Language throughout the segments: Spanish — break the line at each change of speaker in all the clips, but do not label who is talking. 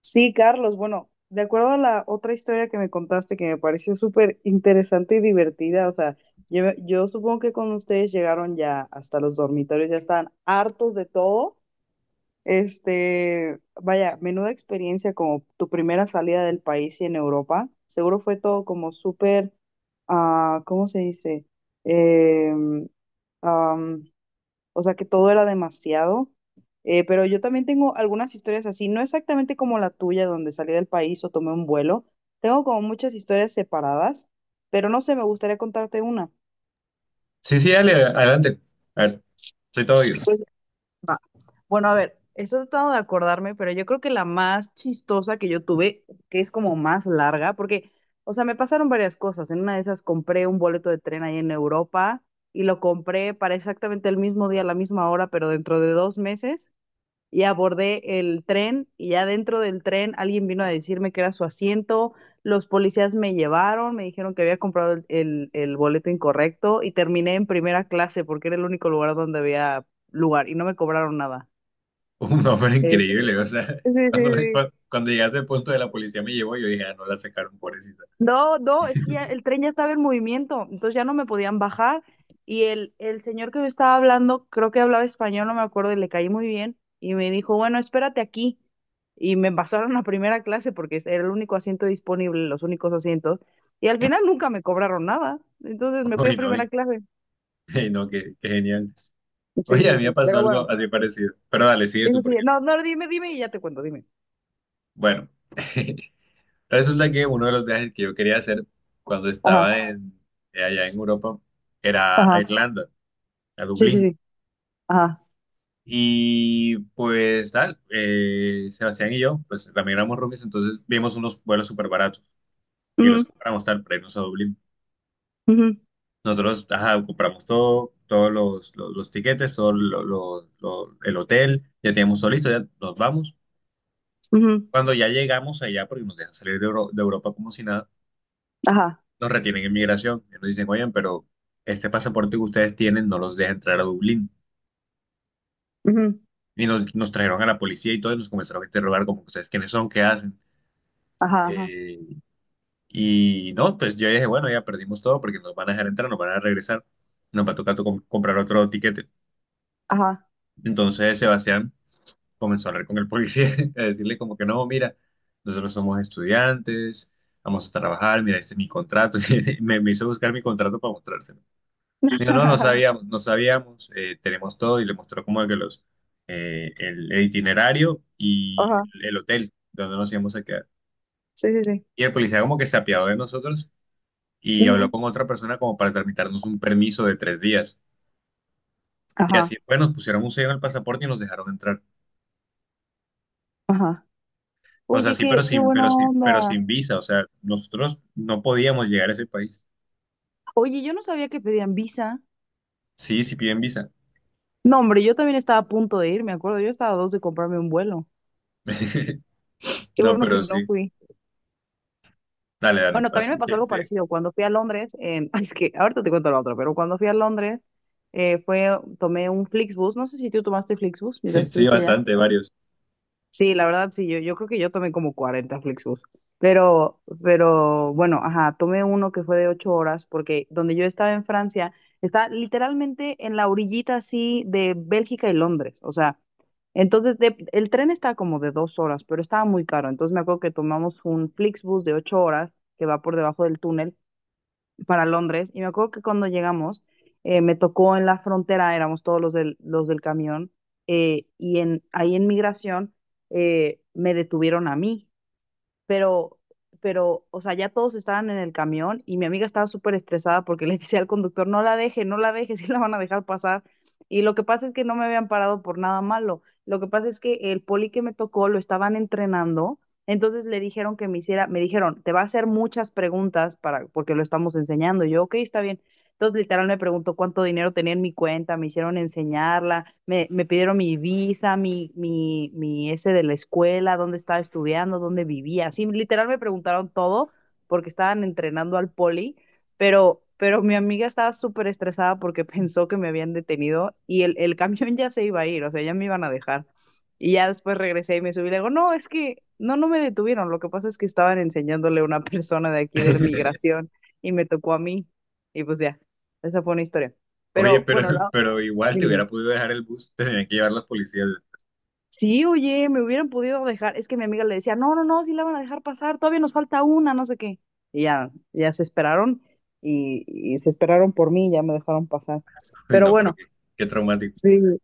Sí, Carlos, bueno, de acuerdo a la otra historia que me contaste que me pareció súper interesante y divertida, o sea, yo supongo que con ustedes llegaron ya hasta los dormitorios, ya estaban hartos de todo. Vaya, menuda experiencia como tu primera salida del país y en Europa. Seguro fue todo como súper, ah, ¿cómo se dice? Eh, o sea que todo era demasiado. Pero yo también tengo algunas historias así, no exactamente como la tuya, donde salí del país o tomé un vuelo. Tengo como muchas historias separadas, pero no sé, me gustaría contarte una.
Sí, sí, dale, adelante. A ver, soy todo Dios.
Pues, va. Bueno, a ver, estoy tratando de acordarme, pero yo creo que la más chistosa que yo tuve, que es como más larga, porque, o sea, me pasaron varias cosas. En una de esas compré un boleto de tren ahí en Europa y lo compré para exactamente el mismo día, a la misma hora, pero dentro de 2 meses. Y abordé el tren y ya dentro del tren alguien vino a decirme que era su asiento, los policías me llevaron, me dijeron que había comprado el boleto incorrecto y terminé en primera clase porque era el único lugar donde había lugar y no me cobraron nada.
Un hombre
Este,
increíble, o sea,
sí, sí,
cuando,
sí.
cuando, cuando llegaste al punto de la policía me llevó, yo dije, ah, no la sacaron, pobrecita.
No, no, es que ya el tren ya estaba en movimiento, entonces ya no me podían bajar. Y el señor que me estaba hablando, creo que hablaba español, no me acuerdo, y le caí muy bien. Y me dijo, bueno, espérate aquí. Y me pasaron a primera clase porque era el único asiento disponible, los únicos asientos. Y al final nunca me cobraron nada. Entonces me fui en
Uy,
primera clase.
no, qué, qué genial.
Sí,
Oye, a
sí,
mí me
sí.
pasó
Pero bueno,
algo así parecido, pero dale, sigue
sí, sí,
tú,
sí.
porque
No, no, dime, dime y ya te cuento, dime.
bueno, resulta que uno de los viajes que yo quería hacer cuando
Ajá,
estaba en, allá en Europa, era a
ajá.
Irlanda, a
Sí, sí,
Dublín.
sí. Ajá.
Y pues tal, Sebastián y yo, pues también éramos roomies, entonces vimos unos vuelos súper baratos y los
Ujú,
compramos tal para irnos a Dublín.
ujú,
Nosotros, ajá, compramos todo, todos los tiquetes, todo el hotel, ya teníamos todo listo, ya nos vamos.
ujú.
Cuando ya llegamos allá, porque nos dejan salir de, Euro- de Europa como si nada,
Ajá.
nos retienen en migración y nos dicen, oigan, pero este pasaporte que ustedes tienen no los deja entrar a Dublín.
Ujú.
Y nos trajeron a la policía y todos nos comenzaron a interrogar como ustedes quiénes son, qué hacen.
Ajá, ajá,
Eh, y no, pues yo dije, bueno, ya perdimos todo porque nos van a dejar entrar, nos van a regresar, nos va a tocar comprar otro tiquete.
ajá.
Entonces Sebastián comenzó a hablar con el policía, a decirle como que no, mira, nosotros somos estudiantes, vamos a trabajar, mira, este es mi contrato. Y me hizo buscar mi contrato para mostrárselo. Dijo, no, no sabíamos, no sabíamos, tenemos todo, y le mostró como que los, el itinerario y
Ajá,
el hotel donde nos íbamos a quedar.
sí, sí, sí.
Y el policía como que se apiadó de nosotros y habló
Ujú.
con otra persona como para tramitarnos un permiso de 3 días. Y así,
Ajá,
pues, nos pusieron un sello en el pasaporte y nos dejaron entrar.
ajá.
O sea,
Oye,
sí, pero
qué
sin,
buena
pero sí, pero
onda.
sin visa. O sea, nosotros no podíamos llegar a ese país.
Oye, yo no sabía que pedían visa.
Sí, sí piden visa.
No, hombre, yo también estaba a punto de ir, me acuerdo. Yo estaba a dos de comprarme un vuelo. Qué
No,
bueno que
pero
no
sí.
fui.
Dale, dale.
Bueno, también
Así,
me
sí,
pasó algo
sí,
parecido. Cuando fui a Londres, ay, es que ahorita te cuento la otra, pero cuando fui a Londres, eh, fue, tomé un Flixbus. No sé si tú tomaste Flixbus mientras
sí,
estuviste allá.
bastante, varios.
Sí, la verdad, sí, yo creo que yo tomé como 40 Flixbus, pero bueno, ajá, tomé uno que fue de 8 horas porque donde yo estaba en Francia, está literalmente en la orillita así de Bélgica y Londres, o sea, el tren está como de 2 horas, pero estaba muy caro, entonces me acuerdo que tomamos un Flixbus de 8 horas que va por debajo del túnel para Londres. Y me acuerdo que cuando llegamos, me tocó en la frontera, éramos todos los del camión, ahí en migración me detuvieron a mí pero, o sea, ya todos estaban en el camión y mi amiga estaba súper estresada porque le decía al conductor, no la deje, no la deje, sí la van a dejar pasar. Y lo que pasa es que no me habían parado por nada malo. Lo que pasa es que el poli que me tocó lo estaban entrenando, entonces le dijeron que me hiciera, me dijeron, te va a hacer muchas preguntas para, porque lo estamos enseñando. Y yo, ok, está bien. Entonces, literal, me preguntó cuánto dinero tenía en mi cuenta, me hicieron enseñarla, me pidieron mi visa, mi ese de la escuela, dónde estaba estudiando, dónde vivía. Sí, literal, me preguntaron todo porque estaban entrenando al poli, pero, mi amiga estaba súper estresada porque pensó que me habían detenido y el camión ya se iba a ir, o sea, ya me iban a dejar. Y ya después regresé y me subí y le digo, no, es que no, no me detuvieron, lo que pasa es que estaban enseñándole a una persona de aquí de la migración y me tocó a mí. Y pues ya. Esa fue una historia.
Oye,
Pero bueno,
pero igual te
dime.
hubiera podido dejar el bus. Te tenían que llevar los policías.
Sí, oye, me hubieran podido dejar. Es que mi amiga le decía, no, no, no, sí la van a dejar pasar, todavía nos falta una, no sé qué. Y ya, ya se esperaron y se esperaron por mí, ya me dejaron pasar.
Uy,
Pero
no, pero
bueno,
qué, qué traumático.
sí,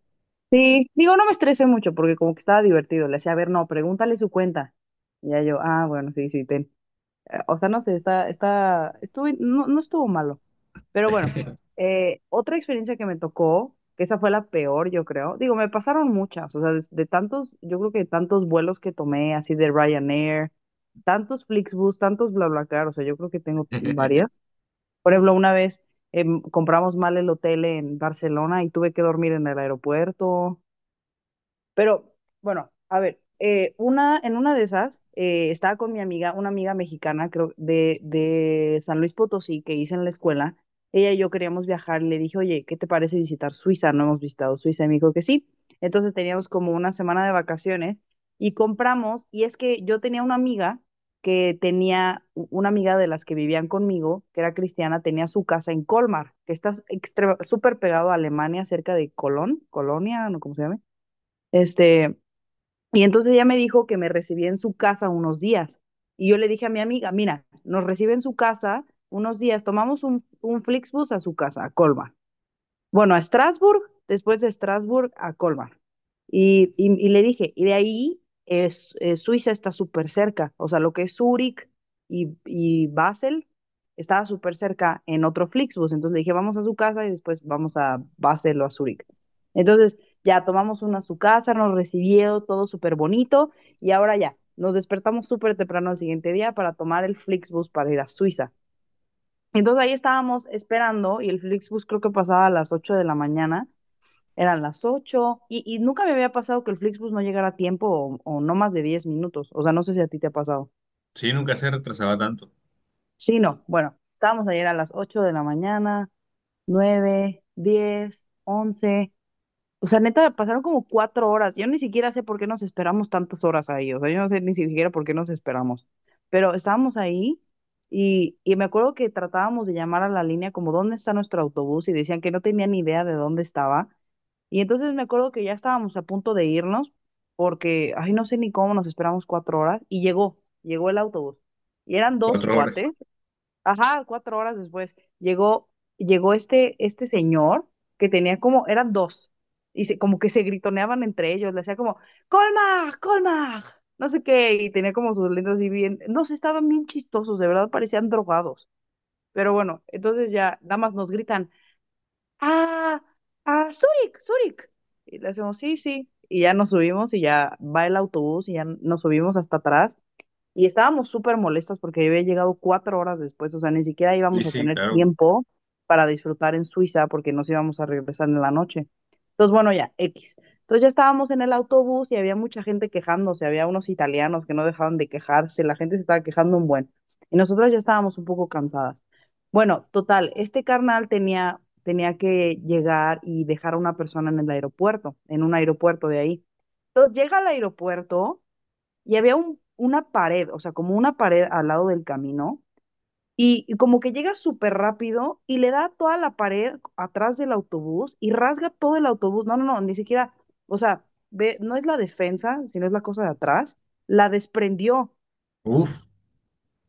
sí, digo, no me estresé mucho porque como que estaba divertido. Le decía, a ver, no, pregúntale su cuenta. Y ya yo, ah, bueno, sí, sí, ten. O sea, no sé, estuvo, no, no estuvo malo. Pero bueno, otra experiencia que me tocó, que esa fue la peor, yo creo. Digo, me pasaron muchas, o sea, de tantos, yo creo que tantos vuelos que tomé, así de Ryanair, tantos Flixbus, tantos BlaBlaCar, o sea, yo creo que tengo varias. Por ejemplo, una vez compramos mal el hotel en Barcelona y tuve que dormir en el aeropuerto. Pero bueno, a ver, en una de esas estaba con mi amiga, una amiga mexicana, creo, de San Luis Potosí, que hice en la escuela. Ella y yo queríamos viajar. Le dije, oye, ¿qué te parece visitar Suiza? No hemos visitado Suiza. Y me dijo que sí. Entonces teníamos como una semana de vacaciones y compramos. Y es que yo tenía una amiga que tenía, una amiga de las que vivían conmigo, que era cristiana, tenía su casa en Colmar, que está súper pegado a Alemania, cerca de Colón, Colonia, no, ¿cómo se llama? Este, y entonces ella me dijo que me recibía en su casa unos días. Y yo le dije a mi amiga, mira, nos recibe en su casa unos días, tomamos un Flixbus a su casa, a Colma bueno, a Strasbourg, después de Strasbourg a Colmar. Y le dije, y de ahí es, Suiza está súper cerca, o sea, lo que es Zúrich y Basel estaba súper cerca en otro Flixbus, entonces le dije, vamos a su casa y después vamos a Basel o a Zúrich. Entonces ya tomamos uno a su casa, nos recibió todo súper bonito y ahora ya, nos despertamos súper temprano al siguiente día para tomar el Flixbus para ir a Suiza. Entonces ahí estábamos esperando y el Flixbus creo que pasaba a las 8 de la mañana, eran las 8 y nunca me había pasado que el Flixbus no llegara a tiempo o no más de 10 minutos, o sea, no sé si a ti te ha pasado.
Sí, nunca se retrasaba tanto.
Sí, no, bueno, estábamos ayer a las 8 de la mañana, nueve, 10, 11. O sea, neta, pasaron como 4 horas. Yo ni siquiera sé por qué nos esperamos tantas horas ahí. O sea, yo no sé ni siquiera por qué nos esperamos. Pero estábamos ahí y me acuerdo que tratábamos de llamar a la línea como dónde está nuestro autobús y decían que no tenían ni idea de dónde estaba. Y entonces me acuerdo que ya estábamos a punto de irnos porque, ay, no sé ni cómo nos esperamos 4 horas y llegó el autobús. Y eran dos
4 horas.
cuates. Ajá, 4 horas después llegó este señor que tenía como, eran dos, y como que se gritoneaban entre ellos, le hacía como, Colmag, Colmag, no sé qué, y tenía como sus lentes así bien, no sé, estaban bien chistosos, de verdad parecían drogados, pero bueno, entonces ya nada más nos gritan, ah, Zurich, Zurich, y le hacemos, sí, sí, y ya nos subimos y ya va el autobús y ya nos subimos hasta atrás y estábamos súper molestas porque había llegado 4 horas después, o sea, ni siquiera
Sí,
íbamos a
sí,
tener
claro.
tiempo para disfrutar en Suiza porque nos íbamos a regresar en la noche. Entonces, bueno, ya, X. Entonces ya estábamos en el autobús y había mucha gente quejándose, había unos italianos que no dejaban de quejarse, la gente se estaba quejando un buen. Y nosotras ya estábamos un poco cansadas. Bueno, total, este carnal tenía que llegar y dejar a una persona en el aeropuerto, en un aeropuerto de ahí. Entonces llega al aeropuerto y había una pared, o sea, como una pared al lado del camino, y como que llega súper rápido y le da toda la pared atrás del autobús y rasga todo el autobús. No, no, no, ni siquiera, o sea, ve, no es la defensa, sino es la cosa de atrás. La desprendió
Uf.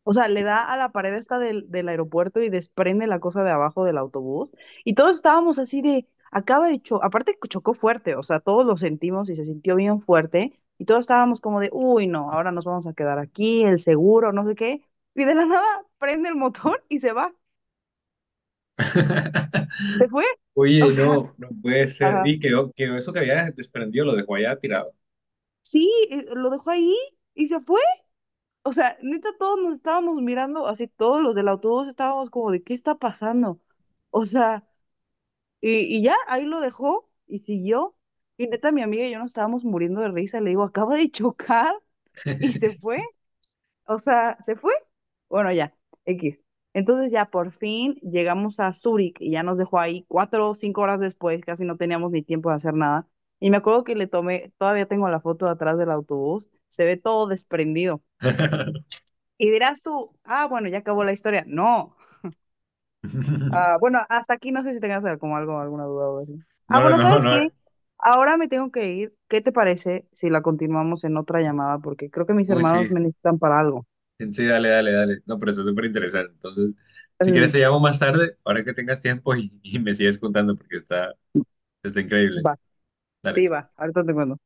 o sea, le da a la pared esta del aeropuerto y desprende la cosa de abajo del autobús. Y todos estábamos así de, acaba de chocar, aparte chocó fuerte, o sea, todos lo sentimos y se sintió bien fuerte. Y todos estábamos como de, uy, no, ahora nos vamos a quedar aquí, el seguro, no sé qué. Y de la nada prende el motor y se va. Se fue. O
Oye,
sea,
no, no puede ser.
ajá.
Y quedó, quedó eso que había desprendido, lo dejó allá tirado.
Sí, lo dejó ahí y se fue. O sea, neta, todos nos estábamos mirando, así todos los del autobús estábamos como de, ¿qué está pasando? O sea, Y ya, ahí lo dejó y siguió. Y neta, mi amiga y yo nos estábamos muriendo de risa. Le digo, acaba de chocar y se fue. O sea, se fue. Bueno, ya, X. Entonces ya por fin llegamos a Zúrich y ya nos dejó ahí 4 o 5 horas después, casi no teníamos ni tiempo de hacer nada. Y me acuerdo que le tomé, todavía tengo la foto de atrás del autobús, se ve todo desprendido. Y dirás tú, ah, bueno, ya acabó la historia. No, ah, bueno, hasta aquí no sé si tengas como algo, alguna duda o así. Ah,
No,
bueno,
no, no,
¿sabes
no.
qué? Ahora me tengo que ir. ¿Qué te parece si la continuamos en otra llamada? Porque creo que mis
Uy, sí,
hermanos me necesitan para algo.
sí, dale, dale, dale. No, pero eso es súper interesante. Entonces, si quieres
Eh,
te llamo más tarde, ahora que tengas tiempo, y me sigues contando porque está, está increíble.
Va, sí,
Dale.
va. Ahorita te cuento.